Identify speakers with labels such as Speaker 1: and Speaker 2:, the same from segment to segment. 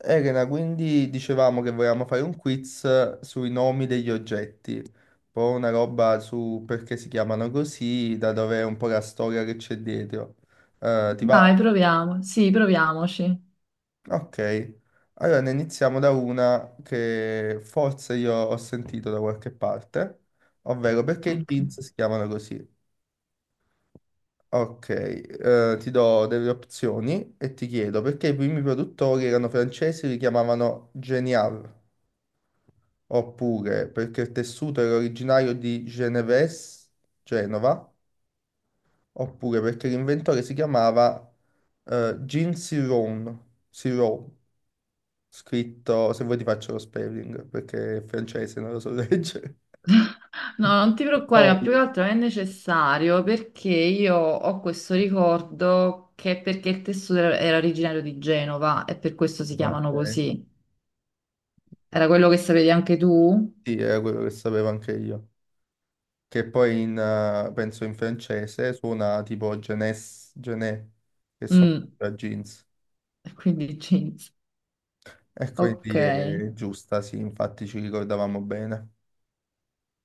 Speaker 1: Elena, quindi dicevamo che volevamo fare un quiz sui nomi degli oggetti, poi una roba su perché si chiamano così, da dove è un po' la storia che c'è dietro. Ti va?
Speaker 2: Dai, proviamo. Sì, proviamoci.
Speaker 1: Ok. Allora ne iniziamo da una che forse io ho sentito da qualche parte, ovvero perché i
Speaker 2: Ok.
Speaker 1: jeans si chiamano così. Ok, ti do delle opzioni e ti chiedo perché i primi produttori erano francesi e li chiamavano Genial, oppure perché il tessuto era originario di Geneves, Genova, oppure perché l'inventore si chiamava Jean Siron, Siron, scritto. Se vuoi ti faccio lo spelling, perché è francese, non lo so leggere.
Speaker 2: No, non ti preoccupare,
Speaker 1: Siron,
Speaker 2: ma più che altro è necessario perché io ho questo ricordo che è perché il tessuto era originario di Genova e per questo si chiamano
Speaker 1: ok.
Speaker 2: così. Era quello che sapevi anche tu?
Speaker 1: Sì, era quello che sapevo anche io, che poi penso in francese suona tipo Genes, Gené, che sono
Speaker 2: Mm,
Speaker 1: jeans.
Speaker 2: e quindi jeans.
Speaker 1: E
Speaker 2: Ok,
Speaker 1: quindi è giusta, sì, infatti ci ricordavamo bene.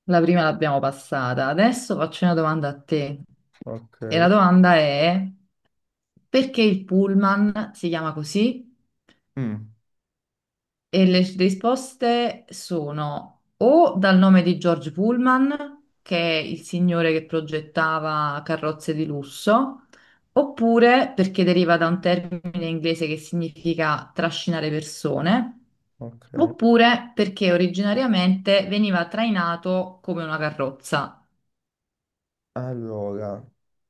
Speaker 2: la prima l'abbiamo passata. Adesso faccio una domanda a te.
Speaker 1: Ok.
Speaker 2: E la domanda è perché il pullman si chiama così?
Speaker 1: Mm.
Speaker 2: E le risposte sono o dal nome di George Pullman, che è il signore che progettava carrozze di lusso, oppure perché deriva da un termine inglese che significa trascinare persone,
Speaker 1: Ok.
Speaker 2: oppure perché originariamente veniva trainato come una carrozza.
Speaker 1: Allora,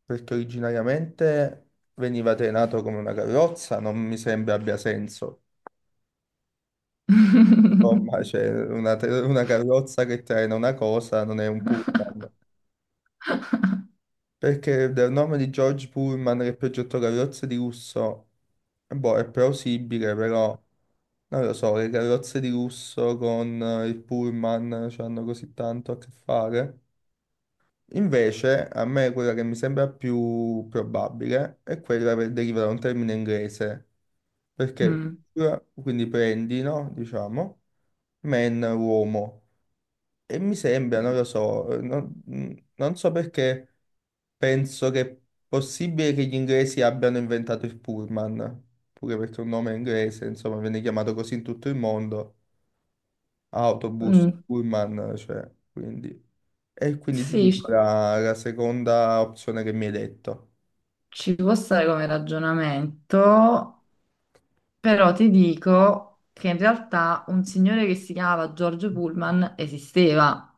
Speaker 1: perché originariamente veniva trainato come una carrozza, non mi sembra abbia senso. Insomma, c'è una carrozza che traina una cosa, non è un pullman. Perché del nome di George Pullman, che progettò carrozze di lusso, boh, è plausibile, però non lo so, le carrozze di lusso con il pullman, cioè, hanno così tanto a che fare. Invece, a me quella che mi sembra più probabile è quella che deriva da un termine inglese, perché
Speaker 2: Mm.
Speaker 1: quindi prendi, no? Diciamo, man, uomo, e mi sembra, non lo so, non so perché penso che è possibile che gli inglesi abbiano inventato il pullman, pure perché è un nome inglese, insomma, viene chiamato così in tutto il mondo, autobus,
Speaker 2: Mm,
Speaker 1: pullman, cioè, quindi... E quindi ti
Speaker 2: sì,
Speaker 1: dico
Speaker 2: ci
Speaker 1: la seconda opzione che mi hai detto.
Speaker 2: ci può stare come ragionamento. Però ti dico che in realtà un signore che si chiamava George Pullman esisteva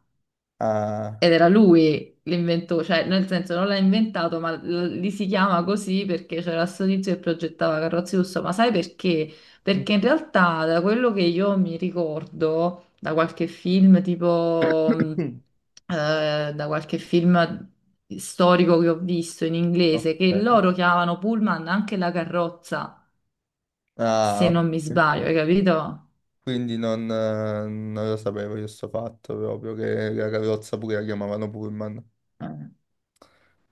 Speaker 1: Ah.
Speaker 2: ed era lui l'inventore, cioè nel senso non l'ha inventato, ma li si chiama così perché c'era sto tizio che progettava carrozze lusso. Ma sai perché? Perché in realtà da quello che io mi ricordo, da qualche film tipo,
Speaker 1: Mm.
Speaker 2: da qualche film storico che ho visto in inglese, che
Speaker 1: Ok.
Speaker 2: loro chiamavano Pullman anche la carrozza, se
Speaker 1: Ah,
Speaker 2: non mi sbaglio, hai capito?
Speaker 1: quindi non lo sapevo io sto fatto proprio, che la carrozza pure la chiamavano Pullman.
Speaker 2: Eh,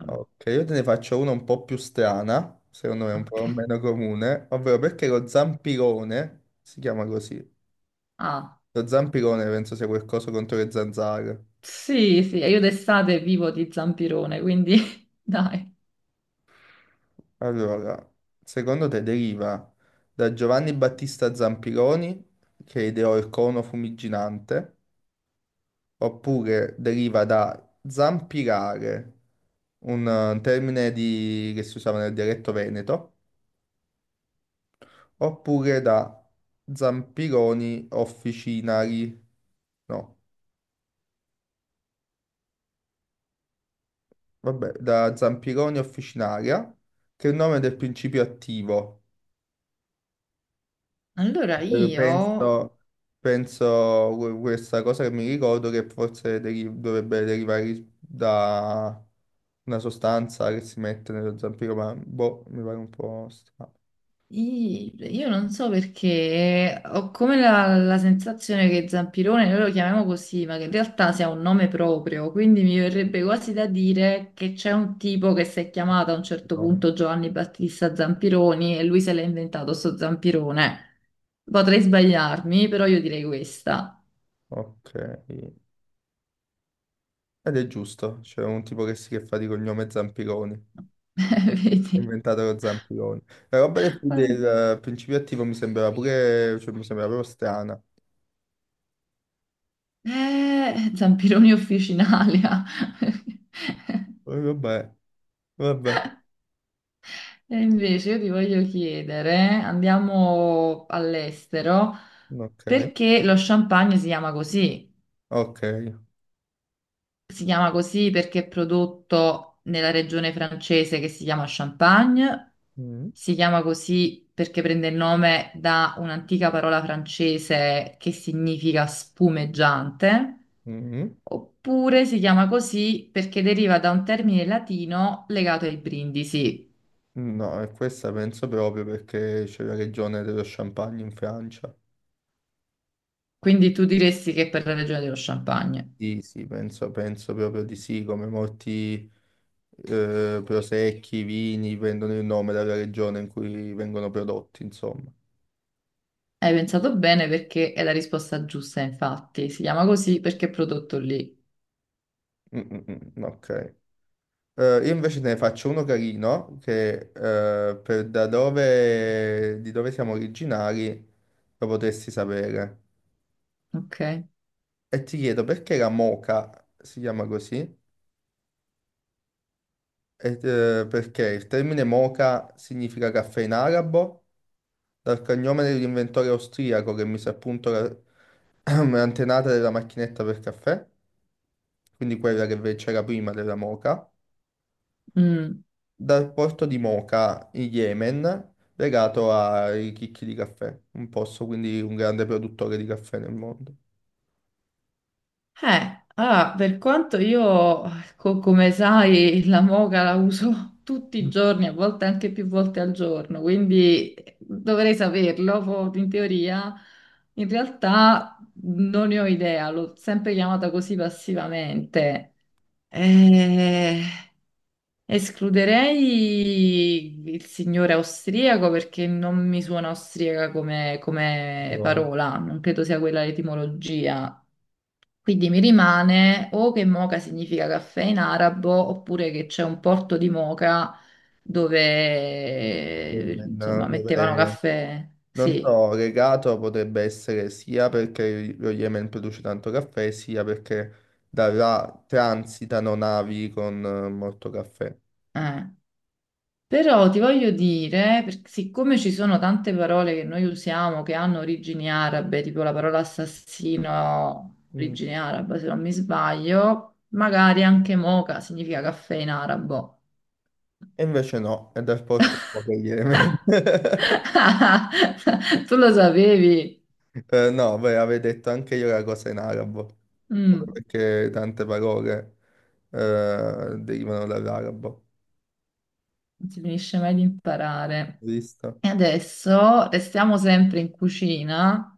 Speaker 1: Ok, io te ne faccio una un po' più strana, secondo me un
Speaker 2: ok.
Speaker 1: po' meno comune, ovvero perché lo zampirone si chiama così.
Speaker 2: Ah,
Speaker 1: Lo zampirone penso sia quel coso contro le zanzare.
Speaker 2: sì, sì, io d'estate vivo di zampirone, quindi dai.
Speaker 1: Allora, secondo te deriva da Giovanni Battista Zampironi, che ideò il cono fumiginante, oppure deriva da zampirare, un termine che si usava nel dialetto veneto, oppure da zampironi officinari, no, vabbè, da zampironi officinaria, che è il nome del principio attivo.
Speaker 2: Allora
Speaker 1: Eh,
Speaker 2: io,
Speaker 1: Penso, questa cosa che mi ricordo, che forse dovrebbe derivare da una sostanza che si mette nello zampiro, ma boh, mi pare un po' strano.
Speaker 2: i- io non so perché ho come la sensazione che zampirone noi lo chiamiamo così, ma che in realtà sia un nome proprio, quindi mi verrebbe quasi da dire che c'è un tipo che si è chiamato a un certo
Speaker 1: Zampironi.
Speaker 2: punto Giovanni Battista Zampironi e lui se l'è inventato sto zampirone. Potrei sbagliarmi, però io direi questa.
Speaker 1: Ok. Ed è giusto, c'è un tipo che, si, che fa di cognome Zampironi, ha
Speaker 2: Vedi?
Speaker 1: inventato lo Zampironi. La roba del, del
Speaker 2: Eh,
Speaker 1: eh, principio attivo mi sembrava pure, cioè mi sembrava proprio strana.
Speaker 2: Zampironi officinalia.
Speaker 1: Poi vabbè, vabbè,
Speaker 2: E invece io ti voglio chiedere, andiamo all'estero,
Speaker 1: ok,
Speaker 2: perché lo champagne si chiama così?
Speaker 1: ok.
Speaker 2: Si chiama così perché è prodotto nella regione francese che si chiama Champagne,
Speaker 1: Mm,
Speaker 2: si chiama così perché prende il nome da un'antica parola francese che significa spumeggiante.
Speaker 1: mm.
Speaker 2: Oppure si chiama così perché deriva da un termine latino legato ai brindisi.
Speaker 1: Mm. No, e questa penso proprio perché c'è la regione dello Champagne in Francia.
Speaker 2: Quindi tu diresti che è per la regione dello Champagne.
Speaker 1: Sì, sì, penso proprio di sì, come molti... prosecchi, vini, prendono il nome dalla regione in cui vengono prodotti, insomma.
Speaker 2: Hai pensato bene perché è la risposta giusta, infatti. Si chiama così perché è prodotto lì.
Speaker 1: Mm, mm, mm, mm, ok. Io invece te ne faccio uno carino che, di dove siamo originari, lo potresti sapere.
Speaker 2: Ok?
Speaker 1: E ti chiedo perché la moka si chiama così. E, perché il termine moka significa caffè in arabo, dal cognome dell'inventore austriaco che mise a punto la, antenata della macchinetta per caffè, quindi quella che c'era prima della Moca,
Speaker 2: Mm.
Speaker 1: dal porto di Moca in Yemen, legato ai chicchi di caffè, un posto quindi un grande produttore di caffè nel mondo.
Speaker 2: Allora, per quanto io, come sai, la moca la uso tutti i giorni, a volte anche più volte al giorno, quindi dovrei saperlo, in teoria. In realtà non ne ho idea, l'ho sempre chiamata così passivamente. Eh, Escluderei il signore austriaco perché non mi suona austriaca come, come
Speaker 1: Però il
Speaker 2: parola, non credo sia quella l'etimologia. Quindi mi rimane o che Moca significa caffè in arabo, oppure che c'è un porto di Moca dove
Speaker 1: Yemen,
Speaker 2: insomma mettevano
Speaker 1: dove
Speaker 2: caffè.
Speaker 1: non
Speaker 2: Sì,
Speaker 1: so, legato potrebbe essere sia perché lo Yemen produce tanto caffè, sia perché da là transitano navi con molto caffè.
Speaker 2: eh. Però ti voglio dire, siccome ci sono tante parole che noi usiamo che hanno origini arabe, tipo la parola assassino,
Speaker 1: Mm.
Speaker 2: origine araba, se non mi sbaglio, magari anche Moca significa caffè in arabo.
Speaker 1: E invece no, è dal porto di Moca in Yemen.
Speaker 2: Tu lo sapevi?
Speaker 1: No, beh, avevo detto anche io la cosa in arabo,
Speaker 2: Mm.
Speaker 1: perché tante parole derivano dall'arabo,
Speaker 2: Non si finisce mai di imparare.
Speaker 1: visto?
Speaker 2: E adesso restiamo sempre in cucina.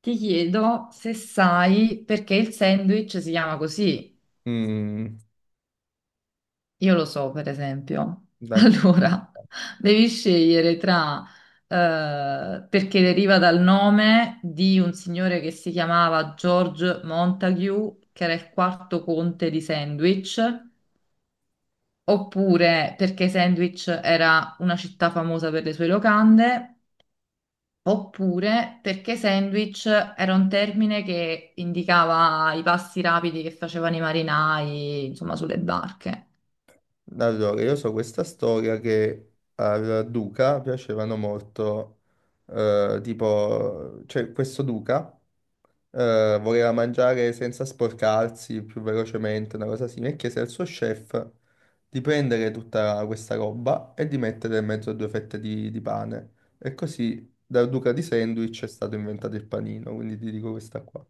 Speaker 2: Ti chiedo se sai perché il sandwich si chiama così.
Speaker 1: Mm,
Speaker 2: Io lo so, per esempio.
Speaker 1: dan-
Speaker 2: Allora, devi scegliere tra perché deriva dal nome di un signore che si chiamava George Montague, che era il quarto conte di Sandwich, oppure perché Sandwich era una città famosa per le sue locande. Oppure perché sandwich era un termine che indicava i passi rapidi che facevano i marinai, insomma, sulle barche.
Speaker 1: Allora, io so questa storia che al duca piacevano molto, tipo, c'è questo duca, voleva mangiare senza sporcarsi più velocemente, una cosa simile, e chiese al suo chef di prendere tutta questa roba e di mettere in mezzo a due fette di pane. E così dal duca di Sandwich è stato inventato il panino, quindi ti dico questa qua.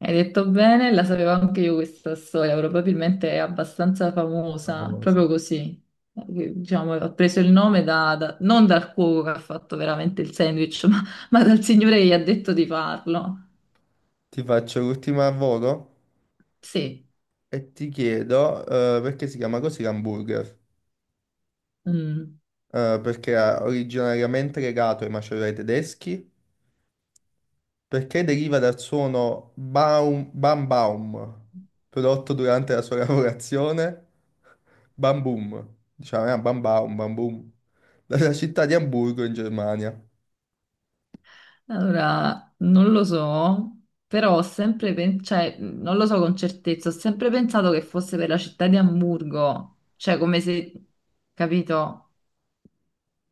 Speaker 2: Hai detto bene, la sapevo anche io questa storia, probabilmente è abbastanza famosa,
Speaker 1: Favoloso.
Speaker 2: proprio così. Diciamo, ho preso il nome non dal cuoco che ha fatto veramente il sandwich, ma dal signore che gli ha detto di farlo.
Speaker 1: Ti faccio l'ultima a volo
Speaker 2: Sì.
Speaker 1: e ti chiedo, perché si chiama così l'hamburger.
Speaker 2: Mm.
Speaker 1: Perché era originariamente legato ai macerai tedeschi, perché deriva dal suono baum, bam baum, prodotto durante la sua lavorazione, bam boom, diciamo, bam baum, bam boom, dalla città di Amburgo in Germania.
Speaker 2: Allora, non lo so, però ho sempre cioè, non lo so con certezza, ho sempre pensato che fosse per la città di Amburgo, cioè come se, capito?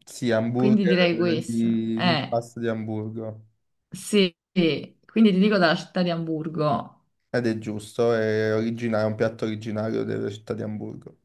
Speaker 1: Sì,
Speaker 2: Quindi direi
Speaker 1: hamburger
Speaker 2: questo.
Speaker 1: di pasta di Amburgo.
Speaker 2: Sì, sì. Quindi ti dico dalla città di Amburgo.
Speaker 1: Ed è giusto, è un piatto originario della città di Amburgo.